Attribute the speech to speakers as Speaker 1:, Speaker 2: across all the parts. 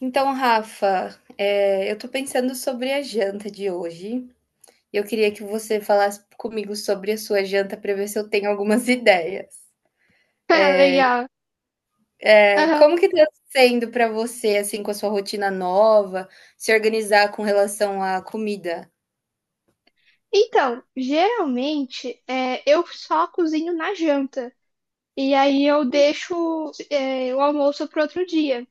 Speaker 1: Então, Rafa, eu tô pensando sobre a janta de hoje. Eu queria que você falasse comigo sobre a sua janta para ver se eu tenho algumas ideias.
Speaker 2: Ah, legal. Aham.
Speaker 1: Como que tá sendo para você, assim, com a sua rotina nova, se organizar com relação à comida?
Speaker 2: Então, geralmente eu só cozinho na janta. E aí eu deixo o almoço para outro dia.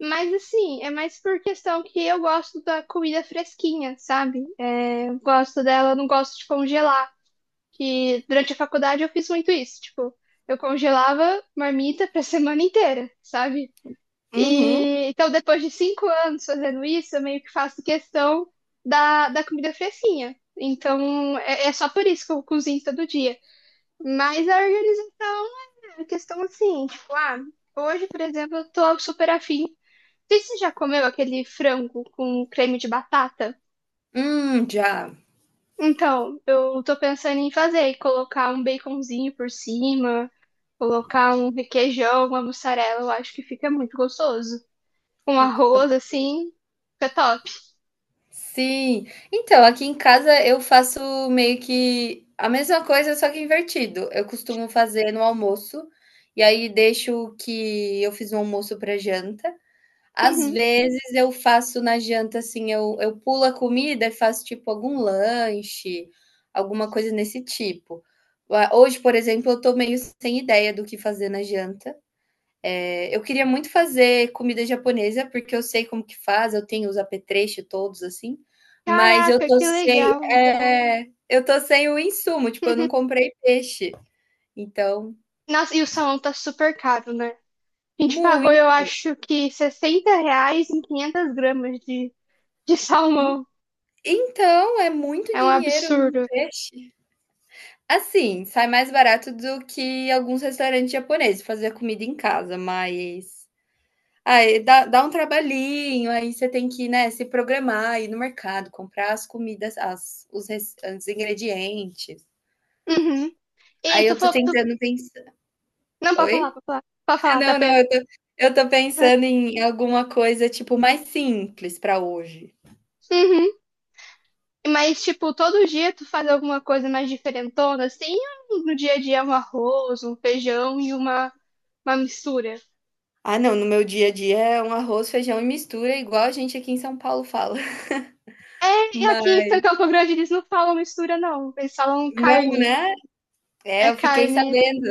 Speaker 2: Mas assim, é mais por questão que eu gosto da comida fresquinha, sabe? É, eu gosto dela, eu não gosto de congelar. Que durante a faculdade eu fiz muito isso. Tipo, eu congelava marmita pra semana inteira, sabe?
Speaker 1: Uhum.
Speaker 2: E então, depois de 5 anos fazendo isso, eu meio que faço questão da comida fresquinha. Então, é só por isso que eu cozinho todo dia. Mas a organização é questão assim, tipo, ah, hoje, por exemplo, eu tô super afim. Não sei se você já comeu aquele frango com creme de batata.
Speaker 1: Já.
Speaker 2: Então, eu tô pensando em fazer e colocar um baconzinho por cima, colocar um requeijão, uma mussarela, eu acho que fica muito gostoso, com arroz assim, fica top.
Speaker 1: Sim. Então, aqui em casa eu faço meio que a mesma coisa, só que invertido. Eu costumo fazer no almoço, e aí deixo o que eu fiz no almoço para janta. Às
Speaker 2: Uhum.
Speaker 1: vezes eu faço na janta, assim, eu pulo a comida e faço, tipo, algum lanche, alguma coisa nesse tipo. Ah, hoje, por exemplo, eu tô meio sem ideia do que fazer na janta. Eu queria muito fazer comida japonesa, porque eu sei como que faz, eu tenho os apetrechos todos, assim, mas eu
Speaker 2: Caraca,
Speaker 1: tô
Speaker 2: que
Speaker 1: sem
Speaker 2: legal.
Speaker 1: é, eu tô sem o insumo, tipo, eu não comprei peixe, então
Speaker 2: Nossa, e o salmão tá super caro, né? A gente pagou, eu
Speaker 1: muito.
Speaker 2: acho que R$ 60 em 500 gramas de salmão.
Speaker 1: Então, é muito
Speaker 2: É um
Speaker 1: dinheiro num
Speaker 2: absurdo.
Speaker 1: peixe. Assim, sai mais barato do que alguns restaurantes japoneses, fazer comida em casa, mas aí dá um trabalhinho, aí você tem que, né, se programar, ir no mercado, comprar as comidas, as os res os ingredientes.
Speaker 2: Uhum. E
Speaker 1: Aí
Speaker 2: tu
Speaker 1: eu tô
Speaker 2: falou que tu...
Speaker 1: tentando pensar.
Speaker 2: Não, pode falar,
Speaker 1: Oi?
Speaker 2: pode falar. Pode falar, tá
Speaker 1: Não, não,
Speaker 2: pena.
Speaker 1: eu tô pensando em alguma coisa, tipo, mais simples pra hoje.
Speaker 2: Uhum. Mas, tipo, todo dia tu faz alguma coisa mais diferentona, assim? Ou no dia a dia é um arroz, um feijão e uma mistura.
Speaker 1: Ah, não, no meu dia a dia é um arroz, feijão e mistura, igual a gente aqui em São Paulo fala.
Speaker 2: É, e aqui em
Speaker 1: Mas
Speaker 2: Campo Grande eles não falam mistura, não. Eles falam
Speaker 1: não,
Speaker 2: carne.
Speaker 1: né? É,
Speaker 2: É
Speaker 1: eu fiquei
Speaker 2: carne.
Speaker 1: sabendo.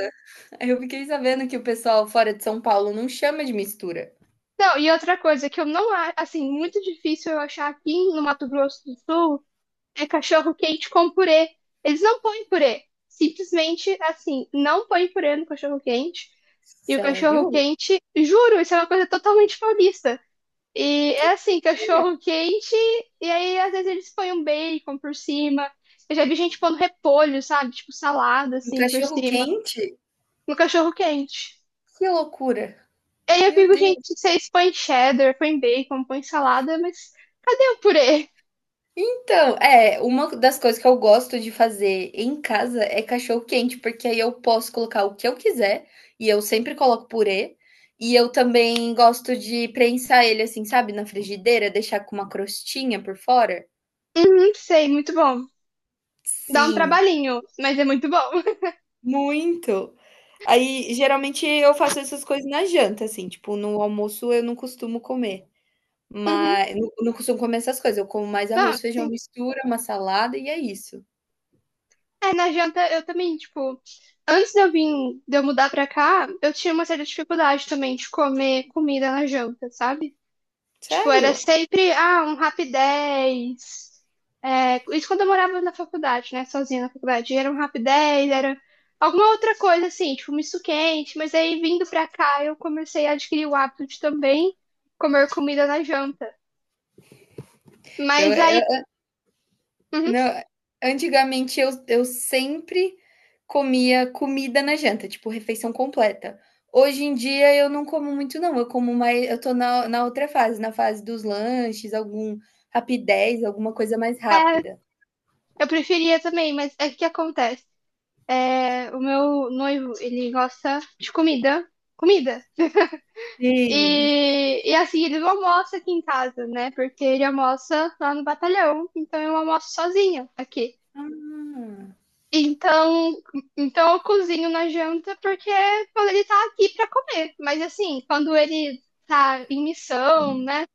Speaker 1: Eu fiquei sabendo que o pessoal fora de São Paulo não chama de mistura.
Speaker 2: Não, e outra coisa que eu não acho, assim, muito difícil eu achar aqui no Mato Grosso do Sul é cachorro quente com purê. Eles não põem purê. Simplesmente, assim, não põem purê no cachorro quente. E o cachorro
Speaker 1: Sério?
Speaker 2: quente, juro, isso é uma coisa totalmente paulista. E
Speaker 1: Que
Speaker 2: é assim,
Speaker 1: era?
Speaker 2: cachorro quente, e aí às vezes eles põem um bacon por cima. Eu já vi gente pondo repolho, sabe? Tipo salada,
Speaker 1: Um
Speaker 2: assim, por
Speaker 1: cachorro
Speaker 2: cima,
Speaker 1: quente?
Speaker 2: no cachorro quente.
Speaker 1: Que loucura.
Speaker 2: Aí eu
Speaker 1: Meu
Speaker 2: fico,
Speaker 1: Deus.
Speaker 2: gente, vocês põem cheddar, põem bacon, põem salada, mas cadê o purê?
Speaker 1: Então, é, uma das coisas que eu gosto de fazer em casa é cachorro quente, porque aí eu posso colocar o que eu quiser e eu sempre coloco purê. E eu também gosto de prensar ele assim, sabe, na frigideira, deixar com uma crostinha por fora.
Speaker 2: Uhum, sei, muito bom. Dá um
Speaker 1: Sim.
Speaker 2: trabalhinho, mas é muito bom.
Speaker 1: Muito. Aí, geralmente, eu faço essas coisas na janta, assim, tipo, no almoço eu não costumo comer,
Speaker 2: Uhum.
Speaker 1: mas não costumo comer essas coisas, eu como mais
Speaker 2: Não,
Speaker 1: arroz, feijão,
Speaker 2: sim.
Speaker 1: mistura, uma salada e é isso.
Speaker 2: É, na janta eu também, tipo, antes de eu vir, de eu mudar pra cá, eu tinha uma certa dificuldade também de comer comida na janta, sabe? Tipo, era
Speaker 1: Sério.
Speaker 2: sempre, ah, um Rapidez. É, isso quando eu morava na faculdade, né? Sozinha na faculdade. Era um Rapidez, era alguma outra coisa, assim, tipo, um misto quente. Mas aí, vindo pra cá, eu comecei a adquirir o hábito de também comer comida na janta.
Speaker 1: Eu
Speaker 2: Mas aí,
Speaker 1: eu
Speaker 2: uhum,
Speaker 1: não, antigamente eu sempre comia comida na janta, tipo, refeição completa. Hoje em dia eu não como muito não, eu como mais eu tô na outra fase, na fase dos lanches, algum Rapidez, alguma coisa mais
Speaker 2: é,
Speaker 1: rápida.
Speaker 2: eu preferia também, mas é o que acontece. É, o meu noivo, ele gosta de comida. Comida.
Speaker 1: Sim.
Speaker 2: E assim, ele não almoça aqui em casa, né? Porque ele almoça lá no batalhão, então eu almoço sozinha aqui. Então, então, eu cozinho na janta porque quando ele tá aqui pra comer. Mas assim, quando ele tá em missão, né?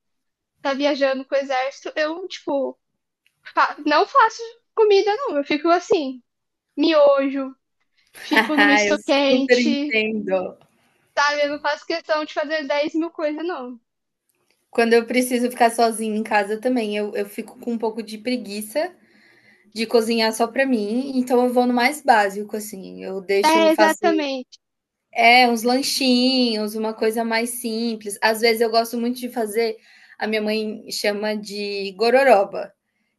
Speaker 2: Tá viajando com o exército, eu, tipo, não faço comida, não. Eu fico assim, miojo, fico no misto
Speaker 1: Eu super
Speaker 2: quente,
Speaker 1: entendo.
Speaker 2: sabe? Eu não faço questão de fazer 10 mil coisas, não.
Speaker 1: Quando eu preciso ficar sozinha em casa também, eu fico com um pouco de preguiça de cozinhar só pra mim, então eu vou no mais básico, assim, eu deixo eu
Speaker 2: É,
Speaker 1: faço
Speaker 2: exatamente.
Speaker 1: uns lanchinhos, uma coisa mais simples. Às vezes eu gosto muito de fazer, a minha mãe chama de gororoba,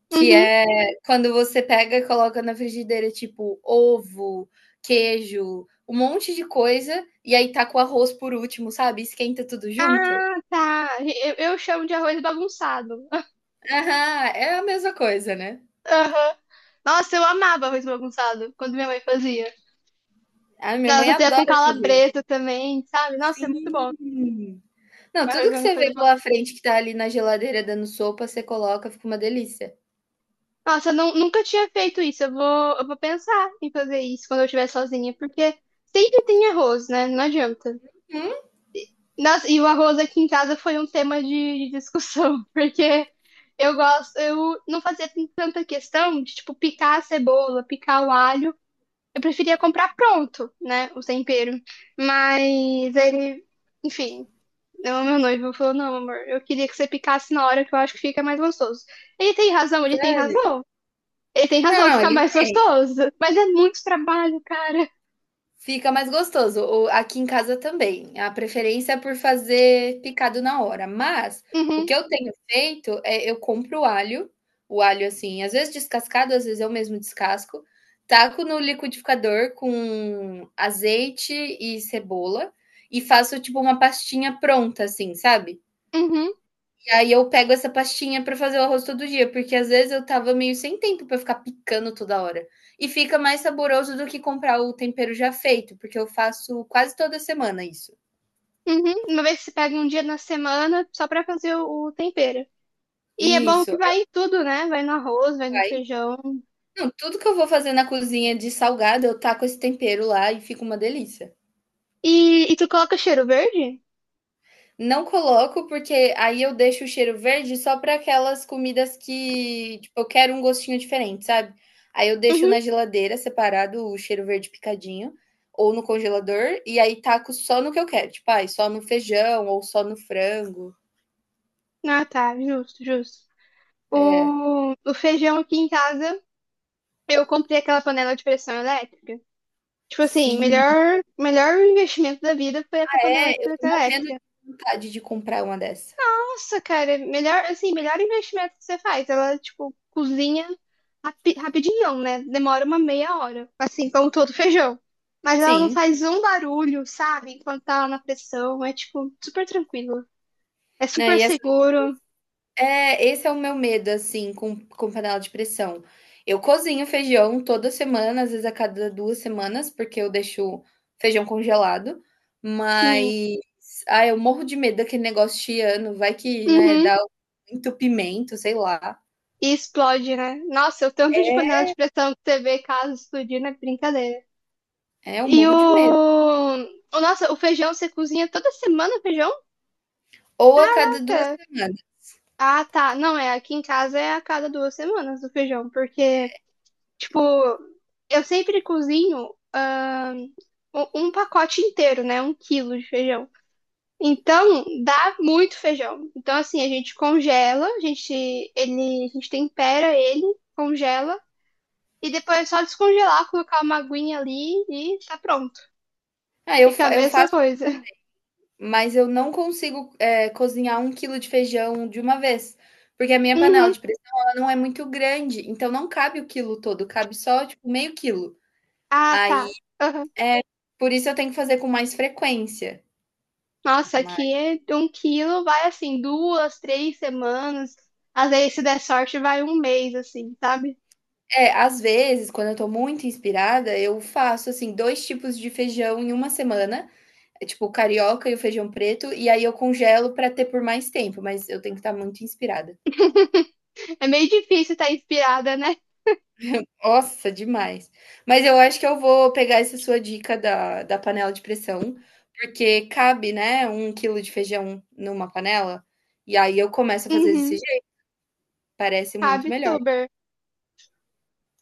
Speaker 1: que
Speaker 2: Uhum.
Speaker 1: é quando você pega e coloca na frigideira, tipo, ovo, queijo, um monte de coisa, e aí taca o arroz por último, sabe, esquenta tudo junto.
Speaker 2: Ah, tá. Eu chamo de arroz bagunçado.
Speaker 1: Aham, é a mesma coisa, né.
Speaker 2: Aham. Nossa, eu amava arroz bagunçado quando minha mãe fazia.
Speaker 1: A minha
Speaker 2: Ela
Speaker 1: mãe
Speaker 2: fazia com
Speaker 1: adora fazer
Speaker 2: calabresa
Speaker 1: isso.
Speaker 2: também, sabe? Nossa, é muito bom.
Speaker 1: Sim. Não,
Speaker 2: Arroz
Speaker 1: tudo que você
Speaker 2: bagunçado é
Speaker 1: vê
Speaker 2: bom.
Speaker 1: pela frente que tá ali na geladeira dando sopa, você coloca, fica uma delícia.
Speaker 2: Nossa, eu não, nunca tinha feito isso. Eu vou pensar em fazer isso quando eu estiver sozinha, porque sempre tem arroz, né? Não adianta.
Speaker 1: Hum,
Speaker 2: Nossa, e o arroz aqui em casa foi um tema de discussão, porque eu gosto, eu não fazia tanta questão de, tipo, picar a cebola, picar o alho. Eu preferia comprar pronto, né? O tempero. Mas ele, enfim, o meu noivo falou: não, amor, eu queria que você picasse na hora que eu acho que fica mais gostoso. Ele tem razão, ele tem
Speaker 1: sério.
Speaker 2: razão. Ele tem
Speaker 1: Não,
Speaker 2: razão,
Speaker 1: não,
Speaker 2: fica
Speaker 1: ele
Speaker 2: mais gostoso. Mas é muito trabalho, cara.
Speaker 1: fica mais gostoso. O aqui em casa também. A preferência é por fazer picado na hora, mas o
Speaker 2: Uhum,
Speaker 1: que eu tenho feito é eu compro o alho, assim, às vezes descascado, às vezes eu mesmo descasco, taco no liquidificador com azeite e cebola e faço tipo uma pastinha pronta, assim, sabe?
Speaker 2: uhum,
Speaker 1: E aí eu pego essa pastinha para fazer o arroz todo dia, porque às vezes eu tava meio sem tempo para ficar picando toda hora. E fica mais saboroso do que comprar o tempero já feito, porque eu faço quase toda semana isso.
Speaker 2: uhum. Uma vez que você pega um dia na semana só pra fazer o tempero. E é bom
Speaker 1: Isso,
Speaker 2: que
Speaker 1: é,
Speaker 2: vai em tudo, né? Vai no arroz, vai no
Speaker 1: vai.
Speaker 2: feijão.
Speaker 1: Não, tudo que eu vou fazer na cozinha de salgado, eu taco esse tempero lá e fica uma delícia.
Speaker 2: E, e tu coloca cheiro verde?
Speaker 1: Não coloco, porque aí eu deixo o cheiro verde só para aquelas comidas que, tipo, eu quero um gostinho diferente, sabe? Aí eu deixo
Speaker 2: Uhum.
Speaker 1: na geladeira separado o cheiro verde picadinho, ou no congelador, e aí taco só no que eu quero, tipo, ai, só no feijão ou só no frango.
Speaker 2: Ah, tá, justo, justo.
Speaker 1: É.
Speaker 2: O feijão aqui em casa, eu comprei aquela panela de pressão elétrica. Tipo assim,
Speaker 1: Sim,
Speaker 2: melhor, melhor investimento da vida foi essa panela de
Speaker 1: é, eu tô
Speaker 2: pressão
Speaker 1: morrendo de
Speaker 2: elétrica.
Speaker 1: vontade de comprar uma dessa.
Speaker 2: Nossa, cara, melhor, assim, melhor investimento que você faz. Ela, tipo, cozinha rapidinho, né? Demora uma meia hora, assim, como todo feijão. Mas ela não
Speaker 1: Sim,
Speaker 2: faz um barulho, sabe? Enquanto tá lá na pressão. É, tipo, super tranquilo. É
Speaker 1: né,
Speaker 2: super seguro.
Speaker 1: É, esse é o meu medo, assim, com panela de pressão. Eu cozinho feijão toda semana, às vezes a cada 2 semanas, porque eu deixo feijão congelado,
Speaker 2: Sim.
Speaker 1: mas ah, eu morro de medo daquele negócio chiando, vai que, né,
Speaker 2: Uhum.
Speaker 1: dá um entupimento, sei lá.
Speaker 2: E explode, né? Nossa, o tanto de panela
Speaker 1: É,
Speaker 2: de pressão que você vê caso explodir não é brincadeira.
Speaker 1: é, eu
Speaker 2: E
Speaker 1: morro de medo.
Speaker 2: o. Nossa, o feijão você cozinha toda semana o feijão?
Speaker 1: Ou a cada 2
Speaker 2: Café?
Speaker 1: semanas.
Speaker 2: Ah, tá. Não, é. Aqui em casa é a cada 2 semanas o feijão, porque, tipo, eu sempre cozinho um pacote inteiro, né? 1 quilo de feijão. Então, dá muito feijão. Então, assim, a gente congela, a gente, ele, a gente tempera ele, congela. E depois é só descongelar, colocar uma aguinha ali e tá pronto.
Speaker 1: Ah,
Speaker 2: Fica a
Speaker 1: eu
Speaker 2: mesma
Speaker 1: faço
Speaker 2: coisa.
Speaker 1: mas eu não consigo, cozinhar 1 quilo de feijão de uma vez, porque a minha panela
Speaker 2: Uhum.
Speaker 1: de pressão ela não é muito grande, então não cabe o quilo todo, cabe só, tipo, meio quilo.
Speaker 2: Ah,
Speaker 1: Aí,
Speaker 2: tá. Aham.
Speaker 1: é, por isso eu tenho que fazer com mais frequência.
Speaker 2: Nossa,
Speaker 1: Mas
Speaker 2: aqui é de 1 quilo, vai assim, 2, 3 semanas. Às vezes, se der sorte, vai um mês, assim, sabe?
Speaker 1: às vezes, quando eu estou muito inspirada, eu faço, assim, 2 tipos de feijão em uma semana, tipo, o carioca e o feijão preto, e aí eu congelo pra ter por mais tempo, mas eu tenho que estar muito inspirada.
Speaker 2: É meio difícil estar inspirada, né?
Speaker 1: Nossa, demais. Mas eu acho que eu vou pegar essa sua dica da panela de pressão, porque cabe, né, 1 quilo de feijão numa panela, e aí eu começo a fazer desse
Speaker 2: Uhum.
Speaker 1: jeito, parece muito
Speaker 2: Cabe
Speaker 1: melhor.
Speaker 2: tuber.